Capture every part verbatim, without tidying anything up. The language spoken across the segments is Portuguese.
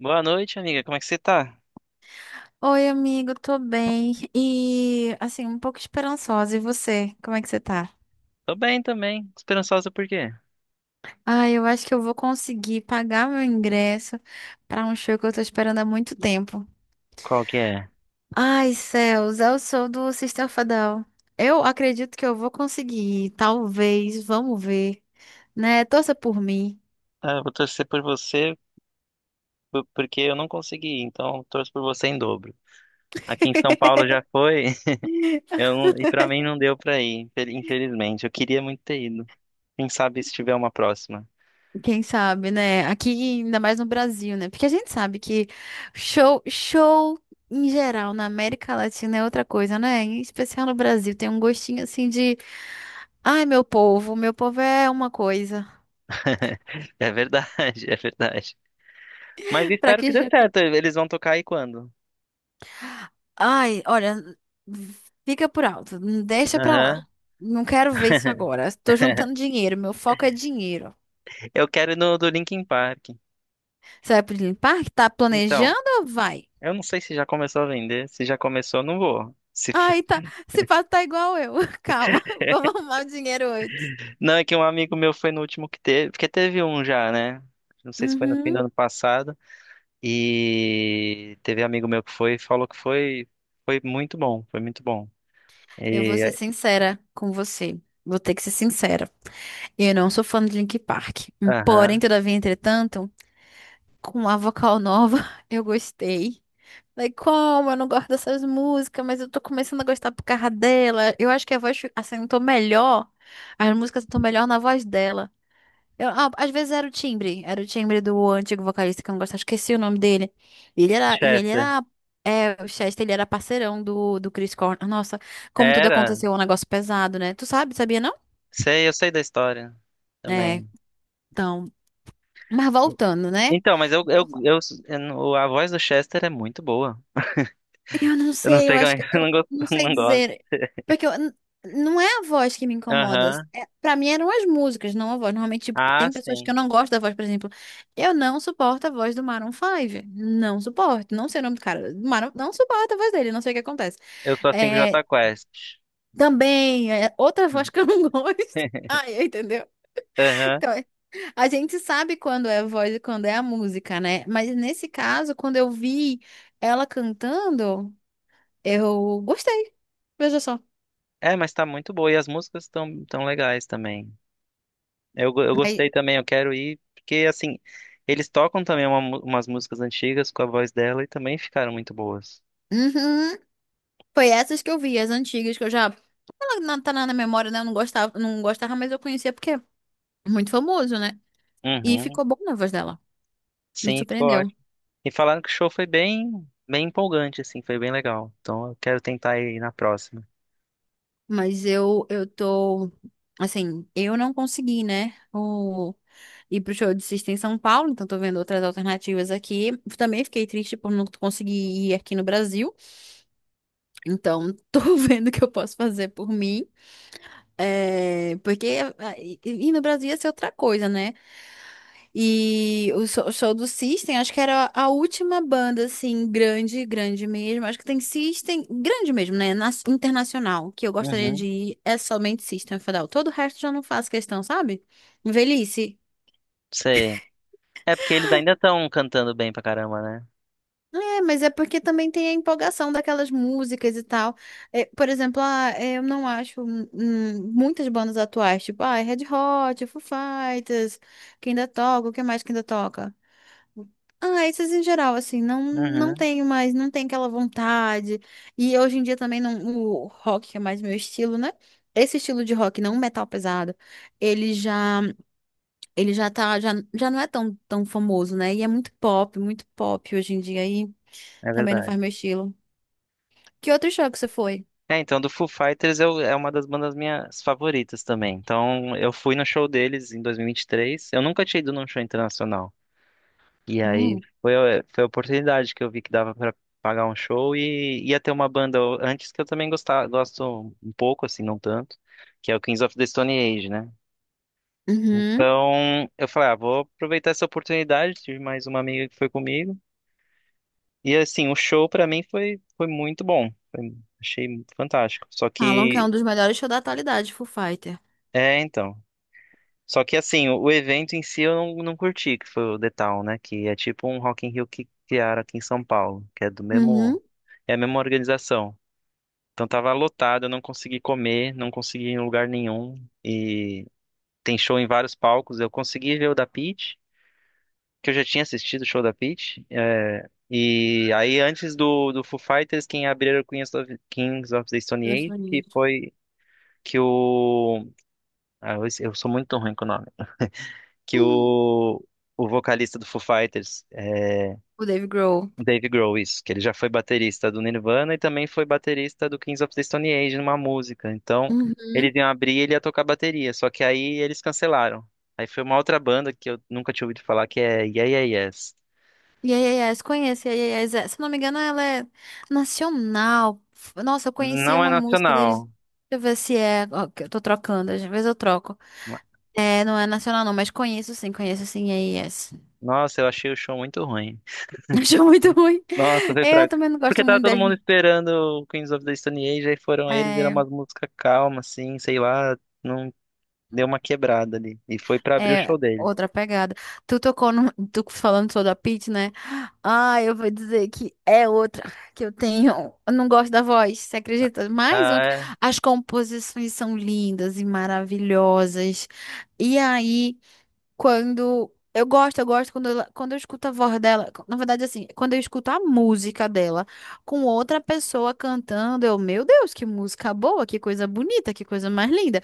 Boa noite, amiga. Como é que você tá? Oi, amigo, tô bem. E assim, um pouco esperançosa. E você? Como é que você tá? Tô bem também. Esperançosa por quê? Ah, eu acho que eu vou conseguir pagar meu ingresso pra um show que eu tô esperando há muito tempo. Qual que é? Ai, céus, eu sou do System of a Down. Eu acredito que eu vou conseguir, talvez, vamos ver, né? Torça por mim. Ah, eu vou torcer por você por- porque eu não consegui ir, então eu torço por você em dobro. Aqui em São Paulo já foi, eu não- e pra mim não deu pra ir, infel- infelizmente. Eu queria muito ter ido. Quem sabe se tiver uma próxima. Quem sabe, né? Aqui, ainda mais no Brasil, né? Porque a gente sabe que show, show em geral na América Latina é outra coisa, né? Em especial no Brasil, tem um gostinho assim de, ai, meu povo, meu povo é uma coisa. É verdade, é verdade. Mas Pra espero que que dê jeito? certo. Eles vão tocar aí quando? Ai, olha, fica por alto, deixa pra lá. Aham. Não quero ver isso agora. Tô juntando dinheiro, meu foco é dinheiro. Eu quero ir no do Linkin Park. Você vai pro Disney Park? Tá Então, planejando? Ou vai. eu não sei se já começou a vender. Se já começou, eu não vou. Se Ai, tá. Se pá, tá igual eu. Calma, vamos arrumar o dinheiro hoje. não, é que um amigo meu foi no último que teve, porque teve um já, né? Não sei se foi no fim do Uhum. ano passado. E teve amigo meu que foi e falou que foi, foi muito bom, foi muito bom. Eu vou ser E sincera com você. Vou ter que ser sincera. Eu não sou fã de Linkin Park. Porém, aham, todavia, entretanto, com a vocal nova, eu gostei. Daí como? Eu não gosto dessas músicas, mas eu tô começando a gostar por causa dela. Eu acho que a voz fi- assentou melhor. As músicas estão melhor na voz dela. Eu, ah, às vezes era o timbre, era o timbre do antigo vocalista que eu não gostava, esqueci o nome dele. E ele era, e ele Chester. era, é, o Chester, ele era parceirão do, do Chris Cornell. Nossa, como tudo Era, aconteceu, é um negócio pesado, né? Tu sabe, sabia não? sei, eu sei da história É, também. então, mas voltando, né? Então, mas eu, eu, eu, eu não- a voz do Chester é muito boa. Eu não Eu não sei, eu sei como acho é que que eu não eu gosto. não sei Não gosto. dizer. Porque eu, n- não é a voz que me incomoda. Aham. É, para mim eram as músicas, não a voz. Normalmente, tipo, Ah, tem pessoas que eu sim. não gosto da voz, por exemplo. Eu não suporto a voz do Maroon cinco. Não suporto. Não sei o nome do cara. Do Maroon, não suporto a voz dele, não sei o que acontece. Eu sou assim com É, Jota Quest. também, é outra voz que eu não gosto. Ai, entendeu? Aham. Então, é- a gente sabe quando é a voz e quando é a música, né? Mas nesse caso, quando eu vi ela cantando. Eu gostei. Veja só. É, mas tá muito boa. E as músicas estão tão tão legais também. Eu, go- eu Mas, gostei também, eu quero ir, porque assim, eles tocam também uma mu- umas músicas antigas com a voz dela e também ficaram muito boas. uhum, foi essas que eu vi, as antigas que eu já. Ela não tá na na memória, né? Eu não gostava, não gostava, mas eu conhecia porque é muito famoso, né? E Uhum, ficou bom na voz dela. Me sim, ficou surpreendeu. ótimo. E falaram que o show foi bem, bem empolgante, assim, foi bem legal. Então eu quero tentar ir na próxima. Mas eu, eu tô. Assim, eu não consegui, né? O... Ir pro show de Sista em São Paulo, então tô vendo outras alternativas aqui. Também fiquei triste por não conseguir ir aqui no Brasil, então tô vendo o que eu posso fazer por mim. É, porque ah, e e no Brasil ia ser outra coisa, né? E o show, o show do System, acho que era a última banda, assim, grande, grande mesmo. Acho que tem System, grande mesmo, né? Na- internacional, que eu gostaria de Uhum, ir, é somente System of a Down. Todo o resto já não faço questão, sabe? Velhice. sei. É porque eles ainda estão cantando bem pra caramba, né? É, mas é porque também tem a empolgação daquelas músicas e tal. É, por exemplo, ah, é, eu não acho hum, hum, muitas bandas atuais, tipo, ah, Red Hot, Foo Fighters, que ainda toca, o que mais que ainda toca? Ah, esses em geral, assim, não, não Uhum, tenho mais, não tem aquela vontade. E hoje em dia também não, o rock, que é mais meu estilo, né? Esse estilo de rock, não metal pesado, ele já, ele já tá, já, já não é tão, tão famoso, né? E é muito pop, muito pop hoje em dia, e é também não verdade. faz meu estilo. Que outro show que você foi? É, então do Foo Fighters eu, é uma das bandas minhas favoritas também. Então eu fui no show deles em dois mil e vinte e três. Eu nunca tinha ido num show internacional. E aí Hum. foi, a- foi a oportunidade que eu vi que dava pra pagar um show e ia ter uma banda antes que eu também gostava, gosto um pouco, assim, não tanto, que é o Kings of the Stone Age, né? Uhum. Então eu falei, ah, vou aproveitar essa oportunidade, tive mais uma amiga que foi comigo. E assim, o show pra mim foi, foi muito bom. Foi- achei fantástico. Só Falam que é que, um dos melhores shows da atualidade, Foo Fighter. é, então. Só que assim, o, o evento em si eu não, não curti, que foi o The Town, né? Que é tipo um Rock in Rio que criaram aqui em São Paulo, que é do mesmo. Uhum. É a mesma organização. Então tava lotado, eu não consegui comer, não consegui ir em lugar nenhum. E tem show em vários palcos. Eu consegui ver o da Pitty, que eu já tinha assistido o show da Pitty. É, e aí antes do, do Foo Fighters, quem abriu era o Queens of, Kings of the Stone Gosto Age, que muito. foi que o... Ah, eu, eu sou muito ruim com o nome. Que Uhum. o, o vocalista do Foo Fighters... é, O Dave Grohl. Dave Grohl, isso, que ele já foi baterista do Nirvana e também foi baterista do Kings of the Stone Age numa música. Então, eles Uhum. iam abrir e ele ia tocar bateria, só que aí eles cancelaram. Aí foi uma outra banda que eu nunca tinha ouvido falar, que é Yeah Yeah Yes. Yes, conheço. Yes, se não me engano, ela é nacional. F- Nossa, eu conhecia Não é uma música deles. Deixa nacional. eu ver se é. Ó, que eu tô trocando, às vezes eu troco. Ma- É, não é nacional, não, mas conheço sim, conheço sim. Yes. Nossa, eu achei o show muito ruim. Acho muito ruim. Nossa, foi Eu fraco. também não Porque gosto tava muito todo mundo deles. esperando o Kings of the Stone Age, aí foram eles, era É, uma música calma, assim, sei lá, não deu uma quebrada ali. E foi pra abrir o show é deles. outra pegada. Tu tocou no, tu falando sobre a Pitty, né? Ah, eu vou dizer que é outra que eu tenho. Eu não gosto da voz, você acredita? Mais uma. Ah, Que... é? As composições são lindas e maravilhosas. E aí, quando eu gosto, eu gosto quando ela- quando eu escuto a voz dela, na verdade assim, quando eu escuto a música dela com outra pessoa cantando, eu, meu Deus, que música boa, que coisa bonita, que coisa mais linda.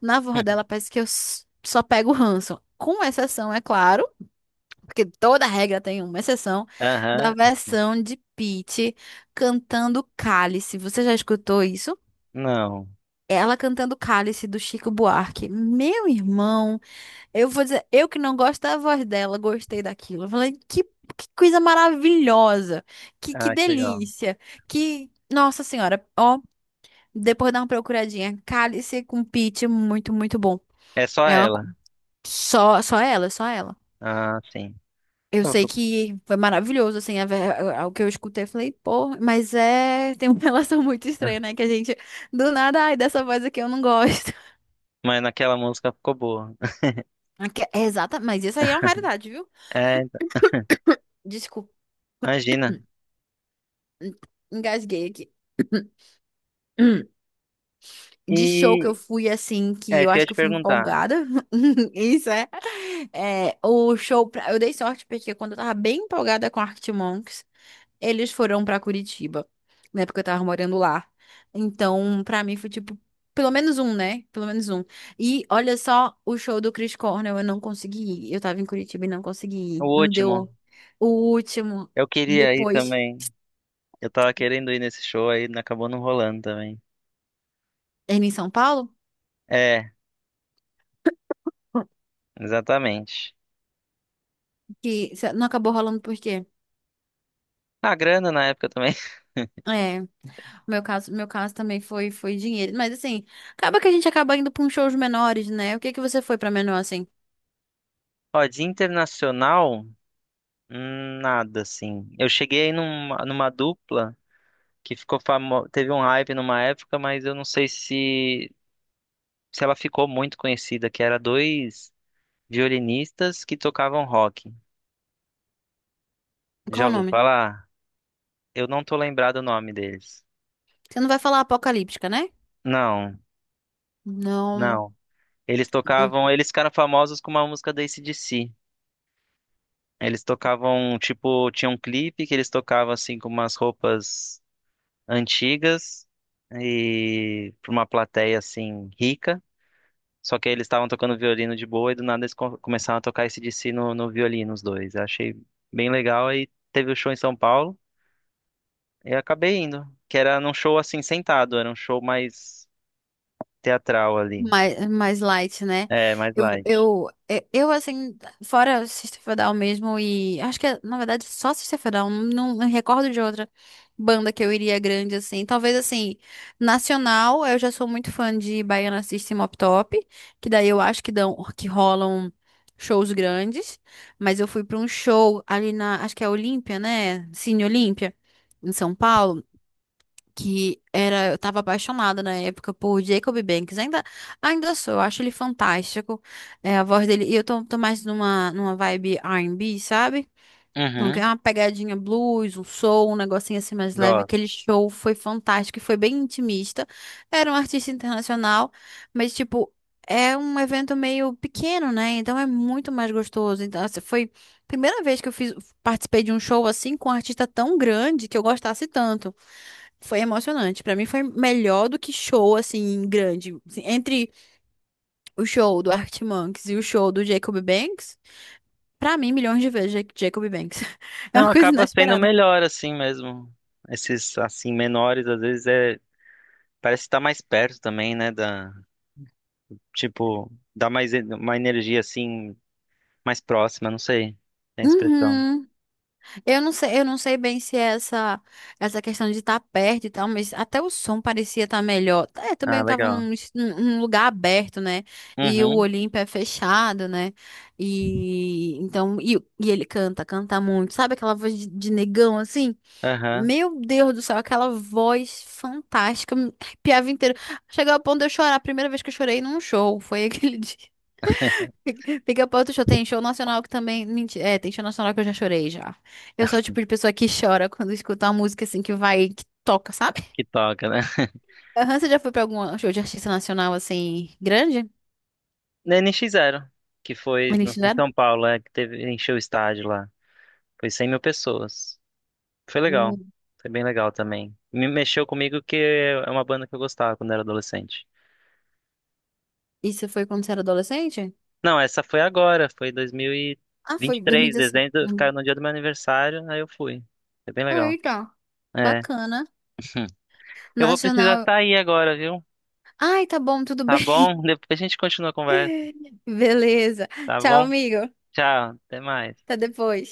Na voz dela parece que eu s- só pego o ranço. Com exceção, é claro, porque toda regra tem uma exceção, da Aham, versão de Pitty cantando Cálice. Você já escutou isso? não. Ela cantando Cálice do Chico Buarque. Meu irmão, eu vou dizer, eu que não gosto da voz dela, gostei daquilo. Eu falei, que, que coisa maravilhosa, que, que Ah, que legal. delícia, que. Nossa Senhora, ó, depois dá uma procuradinha. Cálice com Pitty, muito, muito bom. É só É uma... ela. Só, só ela, só ela. Ah, sim. Eu Tava sei preocupada. que foi maravilhoso, assim, a, ver- a- o que eu escutei, eu falei, pô, mas é, tem uma relação muito estranha, né, que a gente, do nada, ai, dessa voz aqui eu não gosto. Mas naquela música ficou boa. Aque- É exata, mas isso aí é uma raridade, viu? É, então, Desculpa, imagina. engasguei aqui. Hum, de show que eu E fui, assim, que é, eu isso que eu acho que te eu fui perguntar. empolgada, isso é, é, o show, pra- eu dei sorte, porque quando eu tava bem empolgada com Arctic Monkeys, eles foram pra Curitiba, na época eu tava morando lá. Então, pra mim foi tipo, pelo menos um, né? Pelo menos um. E olha só, o show do Chris Cornell eu não consegui ir. Eu tava em Curitiba e não consegui O ir. Não deu último, o último. eu queria ir Depois, também. Eu tava querendo ir nesse show aí, não- acabou não rolando também. ele em São Paulo, É, exatamente. que se- não acabou rolando por quê? A grana na época também. É, meu caso, meu caso também foi foi dinheiro, mas assim, acaba que a gente acaba indo pra uns shows menores, né? O que que você foi pra menor assim? Ó, de internacional, hum, nada assim. Eu cheguei numa, numa dupla que ficou famosa, teve um hype numa época, mas eu não sei se se ela ficou muito conhecida, que era dois violinistas que tocavam rock. Qual Já o ouviu nome? falar? Eu não tô lembrado o nome deles. Você não vai falar Apocalíptica, né? Não, Não. não. Eles tocavam, eles ficaram famosos com uma música da A C/D C. Eles tocavam, tipo, tinha um clipe que eles tocavam assim com umas roupas antigas e pra uma plateia assim rica. Só que aí eles estavam tocando violino de boa e do nada eles co- começaram a tocar A C/D C no, no violino, os dois. Eu achei bem legal e teve o show em São Paulo. Eu acabei indo, que era num show assim sentado, era um show mais teatral ali. Mais, mais light, né? É, mais Eu, light. eu, é, eu, assim, fora Sister Fadal mesmo, e acho que, é, na verdade, só Sister Fadal, não, não recordo de outra banda que eu iria grande, assim. Talvez, assim, nacional, eu já sou muito fã de Baiana System Up Top, que daí eu acho que dão, que rolam shows grandes, mas eu fui para um show ali na, acho que é Olímpia, né? Cine Olímpia, em São Paulo que era, eu tava apaixonada na época por Jacob Banks, ainda, ainda sou, eu acho ele fantástico, é, a voz dele, e eu tô, tô mais numa, numa vibe R and B, sabe? Não Uhum, quer uma pegadinha blues, um soul, um negocinho assim mais leve. gosto. Aquele show foi fantástico e foi bem intimista. Era um artista internacional, mas tipo, é um evento meio pequeno, né? Então é muito mais gostoso. Então, assim, foi a primeira vez que eu fiz, participei de um show assim com um artista tão grande que eu gostasse tanto. Foi emocionante. Pra mim foi melhor do que show assim grande. Assim, entre o show do Arctic Monkeys e o show do Jacob Banks, pra mim, milhões de vezes, Jac- Jacob Banks. É Não, uma coisa acaba sendo inesperada. melhor assim mesmo. Esses assim menores às vezes é parece estar mais perto também, né, da tipo, dá mais en- uma energia assim mais próxima, não sei. Tem expressão. Uhum. Eu não sei, eu não sei bem se é essa essa questão de estar perto e tal, mas até o som parecia estar melhor. É, também Ah, estava legal. num, es- num num lugar aberto, né? E o Uhum. Olimpo é fechado, né? E então e, e ele canta, canta muito. Sabe aquela voz de, de negão assim? Aham. Meu Deus do céu, aquela voz fantástica, me arrepiava inteiro. Chegou ao ponto de eu chorar. A primeira vez que eu chorei num show foi aquele dia. Pica-pau do show tem show nacional que também. menti- É, tem show nacional que eu já chorei já. Eu sou o tipo de pessoa que chora quando escuta uma música assim que vai, que toca, sabe? Que toca, né? Aham, você já foi pra algum show de artista nacional assim, grande? Na N X Zero, que foi Eles no- em fizeram? São Paulo, é que teve encheu o estádio lá. Foi cem mil pessoas. Foi legal. Hum. Foi bem legal também. Me mexeu comigo que é uma banda que eu gostava quando era adolescente. Isso foi quando você era adolescente? Não, essa foi agora, foi Ah, foi dois mil e vinte e três, dois mil e dezesseis. dezembro, ficaram Hum. no dia do meu aniversário, aí eu fui. Foi bem legal. Eita, É. bacana. Eu vou precisar Nacional. sair agora, viu? Ai, tá bom, tudo Tá bem. bom? Depois a gente continua a conversa, Beleza. tá Tchau, bom? amigo. Tchau, até mais. Até depois.